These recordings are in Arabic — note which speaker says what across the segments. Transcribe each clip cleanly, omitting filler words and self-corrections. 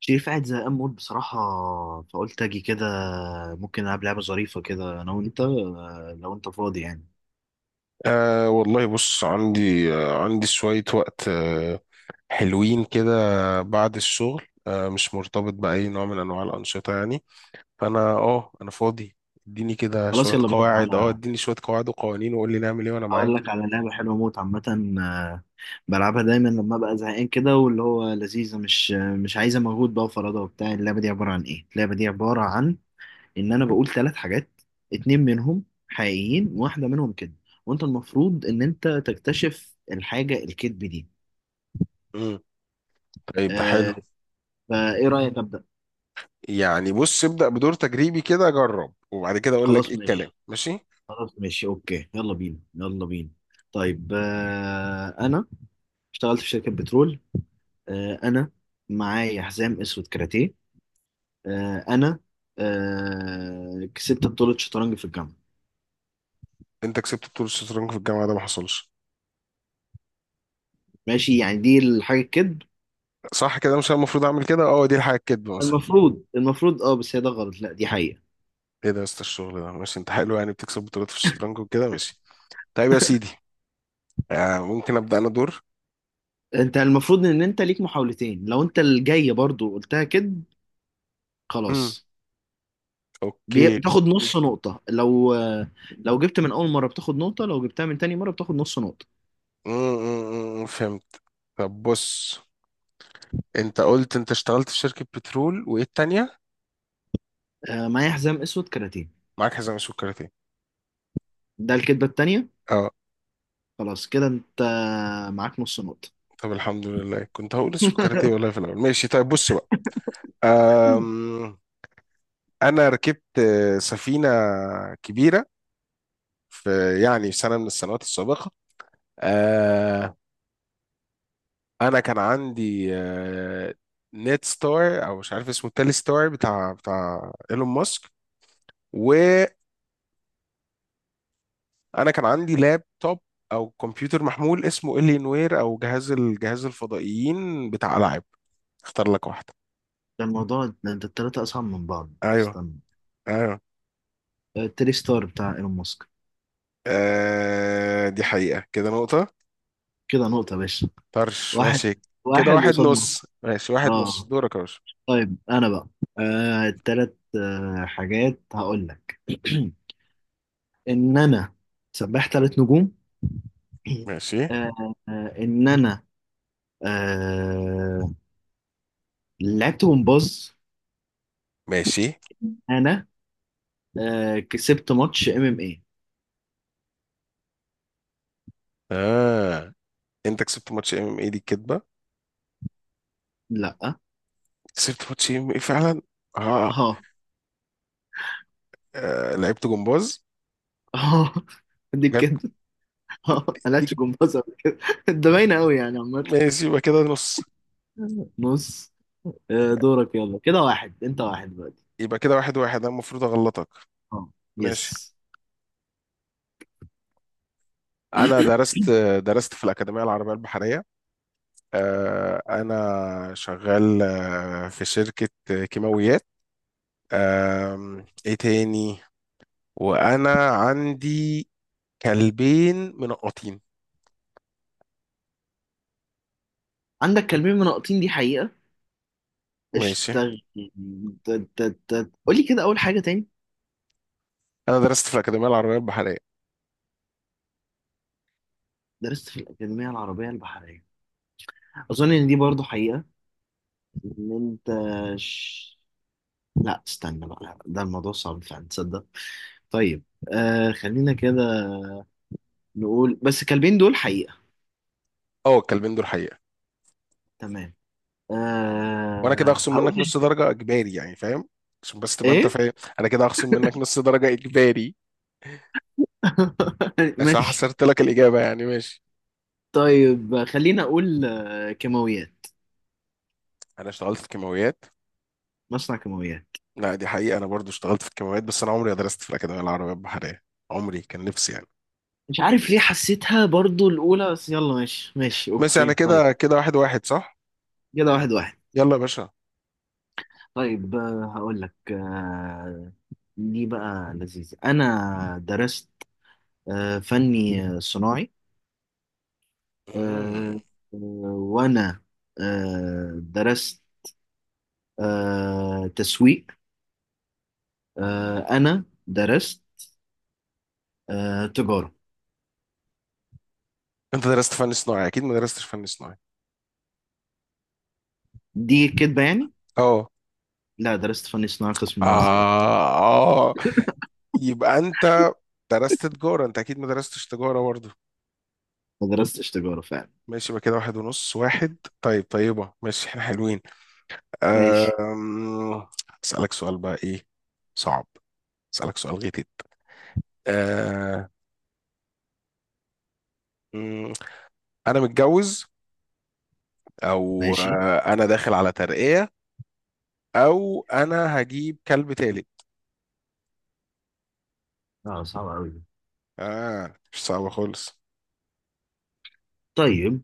Speaker 1: شريف قاعد زهقان موت بصراحة، فقلت أجي كده. ممكن ألعب لعبة ظريفة كده أنا وأنت، لو أنت فاضي يعني.
Speaker 2: أه والله، بص عندي شوية وقت. حلوين كده بعد الشغل. مش مرتبط بأي نوع من أنواع الأنشطة يعني. فأنا أنا فاضي.
Speaker 1: خلاص يلا بينا. على
Speaker 2: اديني شوية قواعد وقوانين وقول لي نعمل ايه وأنا
Speaker 1: هقول
Speaker 2: معاك.
Speaker 1: لك على لعبة حلوة موت. عامة آه، بلعبها دايما لما أبقى زهقان كده، واللي هو لذيذة، مش عايزة مجهود بقى وفرادة وبتاع. اللعبة دي عبارة عن إيه؟ اللعبة دي عبارة عن إن أنا بقول ثلاث حاجات، اتنين منهم حقيقيين وواحدة منهم كده، وأنت المفروض إن أنت تكتشف الحاجة الكذب دي.
Speaker 2: مم. طيب ده حلو.
Speaker 1: آه، فإيه رأيك أبدأ؟
Speaker 2: يعني بص ابدأ بدور تجريبي كده، أجرب وبعد كده أقول لك ايه،
Speaker 1: خلاص
Speaker 2: الكلام
Speaker 1: ماشي.
Speaker 2: ماشي.
Speaker 1: خلاص ماشي، اوكي، يلا بينا يلا بينا. طيب، انا اشتغلت في شركة بترول. انا معايا حزام اسود كاراتيه. آه انا آه كسبت بطولة شطرنج في الجامعة.
Speaker 2: أنت كسبت بطولة الشطرنج في الجامعة؟ ده ما حصلش.
Speaker 1: ماشي، يعني دي الحاجة الكذب.
Speaker 2: صح، كده مش أنا المفروض أعمل كده. اه دي الحاجة الكدب مثلا.
Speaker 1: المفروض، المفروض، اه، بس هي ده غلط، لا دي حقيقة.
Speaker 2: ايه ده يا اسطى، الشغل ده ماشي، انت حلو يعني، بتكسب بطولات في الشطرنج وكده، ماشي. طيب يا سيدي، ممكن ابدا انا دور.
Speaker 1: انت المفروض ان انت ليك محاولتين، لو انت الجاية برضو قلتها كذب.
Speaker 2: امم
Speaker 1: خلاص.
Speaker 2: اوكي.
Speaker 1: بتاخد نص نقطة لو لو جبت من أول مرة بتاخد نقطة، لو جبتها من تاني مرة بتاخد نص نقطة.
Speaker 2: فهمت. طب بص، انت قلت انت اشتغلت في شركه بترول، وايه التانيه؟
Speaker 1: معايا حزام أسود كاراتيه.
Speaker 2: معاك حزام السكرتيه.
Speaker 1: ده الكدبة التانية.
Speaker 2: اه.
Speaker 1: خلاص كده، انت معاك نص نقطة.
Speaker 2: طب الحمد لله، كنت هقول السكرتيه والله في الاول. ماشي، طيب بص بقى. آم انا ركبت سفينه كبيره في في سنه من السنوات السابقه. آه انا كان عندي نت ستار، او مش عارف اسمه، التالي ستار بتاع ايلون ماسك. و انا كان عندي لابتوب او كمبيوتر محمول اسمه الينوير، او جهاز الجهاز الفضائيين بتاع العاب. اختار لك واحده.
Speaker 1: ده الموضوع ده انت التلاتة أصعب من بعض،
Speaker 2: ايوه،
Speaker 1: استنى.
Speaker 2: ايوه.
Speaker 1: تري ستار بتاع ايلون ماسك.
Speaker 2: دي حقيقه، كده نقطه.
Speaker 1: كده نقطة يا باشا.
Speaker 2: طرش
Speaker 1: واحد،
Speaker 2: ماشي. كده
Speaker 1: واحد
Speaker 2: واحد
Speaker 1: قصاد نص.
Speaker 2: نص، ماشي، واحد نص،
Speaker 1: اه،
Speaker 2: دورك يا باشا.
Speaker 1: طيب انا بقى، آه التلات آه حاجات هقول لك. ان انا سباح تلات نجوم.
Speaker 2: ماشي
Speaker 1: آه ان انا آه لعبت جمباز.
Speaker 2: ماشي.
Speaker 1: انا كسبت ماتش ام ام اي.
Speaker 2: اه. انت كسبت ماتش ام ام اي؟ دي كدبه.
Speaker 1: لا.
Speaker 2: كسبت ماتش ام ام اي فعلا؟ اه.
Speaker 1: ها.
Speaker 2: آه. لعبت جمباز.
Speaker 1: اه، دي
Speaker 2: لعبت
Speaker 1: كده. اه،
Speaker 2: دي
Speaker 1: ملهاش جمباز ولا كده. ده باينه قوي يعني، عامه.
Speaker 2: ماشي، يبقى كده نص.
Speaker 1: بص،
Speaker 2: يبقى
Speaker 1: دورك، يلا كده واحد انت واحد دلوقتي.
Speaker 2: يبقى كده واحد واحد، انا المفروض اغلطك.
Speaker 1: اه،
Speaker 2: ماشي.
Speaker 1: يس.
Speaker 2: انا درست في الاكاديميه العربيه البحريه. انا شغال في شركه كيماويات. ايه تاني؟ وانا عندي كلبين منقطين.
Speaker 1: عندك كلمين مناقضين، دي حقيقه.
Speaker 2: ماشي.
Speaker 1: اشتغل ت- ت- ت- قولي كده اول حاجه تاني.
Speaker 2: انا درست في الاكاديميه العربيه البحريه.
Speaker 1: درست في الاكاديميه العربيه البحريه. اظن ان دي برضو حقيقه. ان انت ش... لا استنى بقى، ده الموضوع صعب فعلا، تصدق؟ طيب، آه خلينا كده نقول بس الكلمين دول حقيقه.
Speaker 2: اه الكلبين دول حقيقه.
Speaker 1: تمام.
Speaker 2: وانا كده
Speaker 1: أه
Speaker 2: هخصم
Speaker 1: هقول
Speaker 2: منك نص درجه اجباري، يعني فاهم؟ عشان بس تبقى انت
Speaker 1: ايه.
Speaker 2: فاهم، انا كده هخصم منك نص درجه اجباري، عشان
Speaker 1: ماشي.
Speaker 2: حصرت لك الاجابه يعني. ماشي.
Speaker 1: طيب خلينا اقول كيماويات،
Speaker 2: انا اشتغلت في كيماويات.
Speaker 1: مصنع كيماويات.
Speaker 2: لا دي حقيقة، أنا برضو اشتغلت في الكمامات، بس أنا عمري ما درست في الأكاديمية العربية البحرية. عمري كان نفسي يعني.
Speaker 1: مش عارف ليه حسيتها برضو الاولى، بس يلا ماشي ماشي،
Speaker 2: بس يعني
Speaker 1: اوكي، طيب.
Speaker 2: كده كده، واحد واحد صح؟
Speaker 1: كده واحد واحد.
Speaker 2: يلا يا باشا.
Speaker 1: طيب، هقول لك، دي بقى لذيذة. انا درست فني صناعي.
Speaker 2: مم.
Speaker 1: آه، آه، وانا درست تسويق. انا درست تجارة.
Speaker 2: أنت درست فن صناعي؟ أكيد ما درستش فن صناعي.
Speaker 1: دي كدبة يعني؟
Speaker 2: أه.
Speaker 1: لا درست فني صناعة قسم ملابس جد.
Speaker 2: آه. آه، يبقى أنت درست تجارة؟ أنت أكيد ما درستش تجارة برضو.
Speaker 1: ما درستش تجارة فعلا.
Speaker 2: ماشي، يبقى كده واحد ونص، واحد. طيب طيبة، ماشي، احنا حلوين.
Speaker 1: ماشي
Speaker 2: أم... أسألك سؤال بقى، إيه؟ صعب. أسألك سؤال غيتت. أه... مم، أنا متجوز، او
Speaker 1: ماشي.
Speaker 2: انا داخل على ترقية، او انا هجيب كلب تالت.
Speaker 1: اه صعب أوي دي.
Speaker 2: اه، مش صعبة خالص.
Speaker 1: طيب،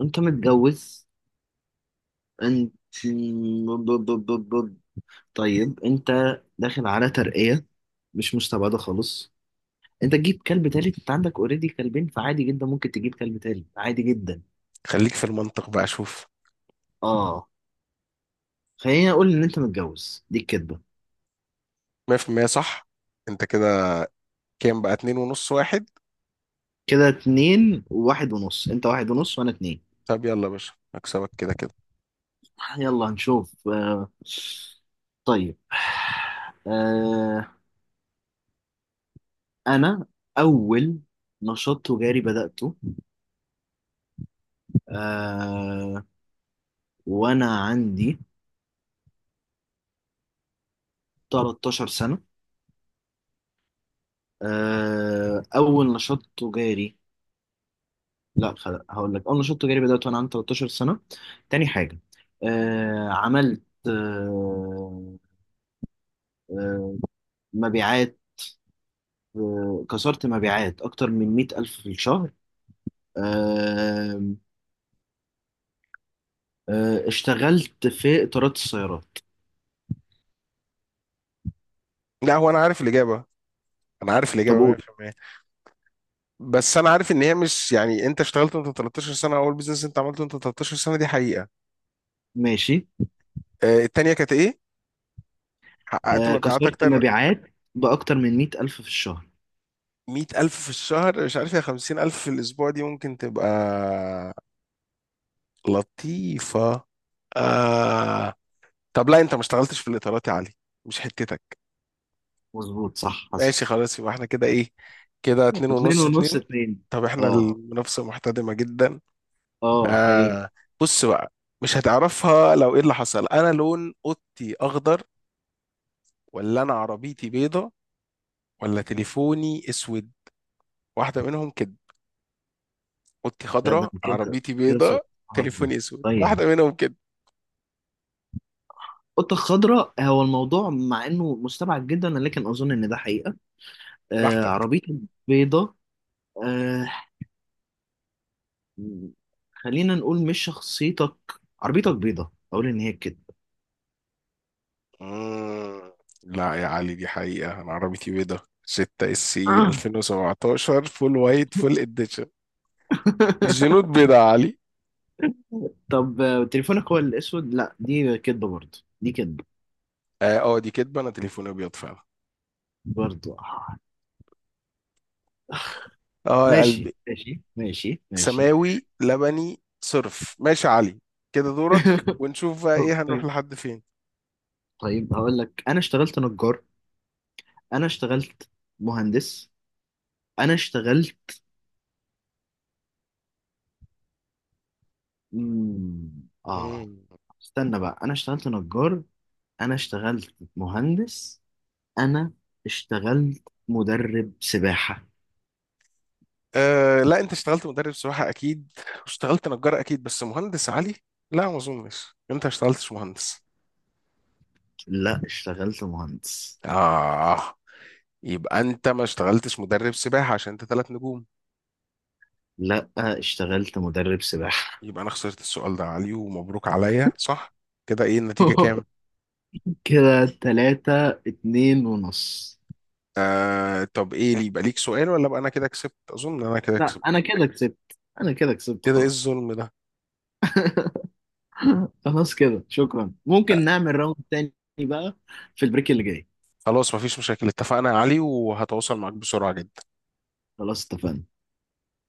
Speaker 1: أنت متجوز. أنت ب- ب- ب- ب- ب- طيب أنت داخل على ترقية، مش مستبعدة خالص. أنت تجيب كلب تالت، أنت عندك أوريدي كلبين، فعادي جدا ممكن تجيب كلب تالت، عادي جدا.
Speaker 2: خليك في المنطق بقى شوف.
Speaker 1: اه، خليني أقول إن أنت متجوز دي الكدبة.
Speaker 2: 100% صح. انت كده كام بقى؟ اتنين ونص، واحد.
Speaker 1: كده اتنين وواحد ونص، أنت واحد ونص وأنا اتنين.
Speaker 2: طب يلا يا باشا، هكسبك كده كده.
Speaker 1: يلا نشوف. طيب، آه، أنا أول نشاط تجاري بدأته آه، وأنا عندي 13 سنة. أول نشاط تجاري. لا خل- هقول لك أول نشاط تجاري بدأته وأنا عندي 13 سنة. تاني حاجة، عملت، آه، مبيعات. كسرت مبيعات أكتر من 100 ألف في الشهر. آه، اشتغلت في إطارات السيارات.
Speaker 2: لا هو انا عارف الاجابة، انا عارف
Speaker 1: طب
Speaker 2: الاجابة
Speaker 1: قول.
Speaker 2: 100%. بس انا عارف ان هي مش يعني، انت اشتغلت وانت 13 سنة، اول بيزنس انت عملته وانت 13 سنة، دي حقيقة.
Speaker 1: ماشي.
Speaker 2: التانية كانت ايه، حققت مبيعات
Speaker 1: كسرت
Speaker 2: اكتر
Speaker 1: مبيعات بأكتر من مئة ألف في الشهر.
Speaker 2: 100,000 في الشهر؟ مش عارف، يا 50,000 في الاسبوع دي ممكن تبقى لطيفة. آه. طب لا انت ما اشتغلتش في الاطارات يا علي، مش حتتك.
Speaker 1: مظبوط، صح، حصل.
Speaker 2: ماشي خلاص، يبقى احنا كده ايه؟ كده اتنين
Speaker 1: اتنين
Speaker 2: ونص،
Speaker 1: ونص
Speaker 2: اتنين.
Speaker 1: اتنين.
Speaker 2: طب احنا
Speaker 1: اه.
Speaker 2: المنافسة محتدمة جدا.
Speaker 1: اه حقيقي.
Speaker 2: آه. بص بقى، مش هتعرفها. لو ايه اللي حصل، انا لون اوضتي اخضر، ولا انا عربيتي بيضة، ولا تليفوني اسود؟ واحدة منهم كده. اوضتي
Speaker 1: لا ده
Speaker 2: خضراء،
Speaker 1: كده،
Speaker 2: عربيتي
Speaker 1: كده سؤال
Speaker 2: بيضة، تليفوني
Speaker 1: عظيم.
Speaker 2: اسود،
Speaker 1: طيب،
Speaker 2: واحدة منهم كده.
Speaker 1: القطة الخضراء هو الموضوع، مع انه مستبعد جدا، لكن اظن ان ده حقيقة. آه،
Speaker 2: براحتك.
Speaker 1: عربيتك بيضة. آه خلينا نقول مش شخصيتك، عربيتك بيضة، اقول ان هي كده.
Speaker 2: مم. لا يا علي دي حقيقة، أنا عربيتي بيضة. 6 اس سي 2017، فول وايت، فول اديشن. الجنود بيضة يا علي.
Speaker 1: طب، تليفونك هو الاسود، لا دي كدبه برضه، دي كدبه
Speaker 2: اه. دي كدبة، أنا تليفوني أبيض فعلا.
Speaker 1: برضه. آه.
Speaker 2: اه يا
Speaker 1: ماشي
Speaker 2: قلبي.
Speaker 1: ماشي ماشي ماشي.
Speaker 2: سماوي لبني صرف. ماشي يا علي، كده دورك، ونشوف بقى إيه، هنروح
Speaker 1: طيب،
Speaker 2: لحد فين.
Speaker 1: طيب، هقول لك انا اشتغلت نجار. انا اشتغلت مهندس. انا اشتغلت، مم، اه
Speaker 2: مم.
Speaker 1: استنى بقى. انا اشتغلت نجار، انا اشتغلت مهندس، انا اشتغلت مدرب سباحة.
Speaker 2: لا أنت اشتغلت مدرب سباحة أكيد، واشتغلت نجار أكيد، بس مهندس يا علي، لا ما أظنش، أنت ما اشتغلتش مهندس.
Speaker 1: لا اشتغلت مهندس.
Speaker 2: آه. يبقى انت ما اشتغلتش مدرب سباحة، عشان انت 3 نجوم.
Speaker 1: لا اشتغلت مدرب سباحة.
Speaker 2: يبقى انا خسرت السؤال ده يا علي، ومبروك عليا صح. كده ايه النتيجة، كام؟
Speaker 1: كده 3-2.5.
Speaker 2: طب ايه، اللي يبقى ليك سؤال، ولا بقى انا كده كسبت؟ اظن انا كده
Speaker 1: لا أنا
Speaker 2: كسبت.
Speaker 1: كده كسبت، أنا كده كسبت
Speaker 2: كده ايه
Speaker 1: خلاص.
Speaker 2: الظلم ده؟
Speaker 1: خلاص كده، شكرا. ممكن
Speaker 2: آه
Speaker 1: نعمل راوند تاني بقى في البريك اللي جاي.
Speaker 2: خلاص مفيش مشاكل، اتفقنا يا علي، وهتواصل معاك بسرعة جدا.
Speaker 1: خلاص اتفقنا.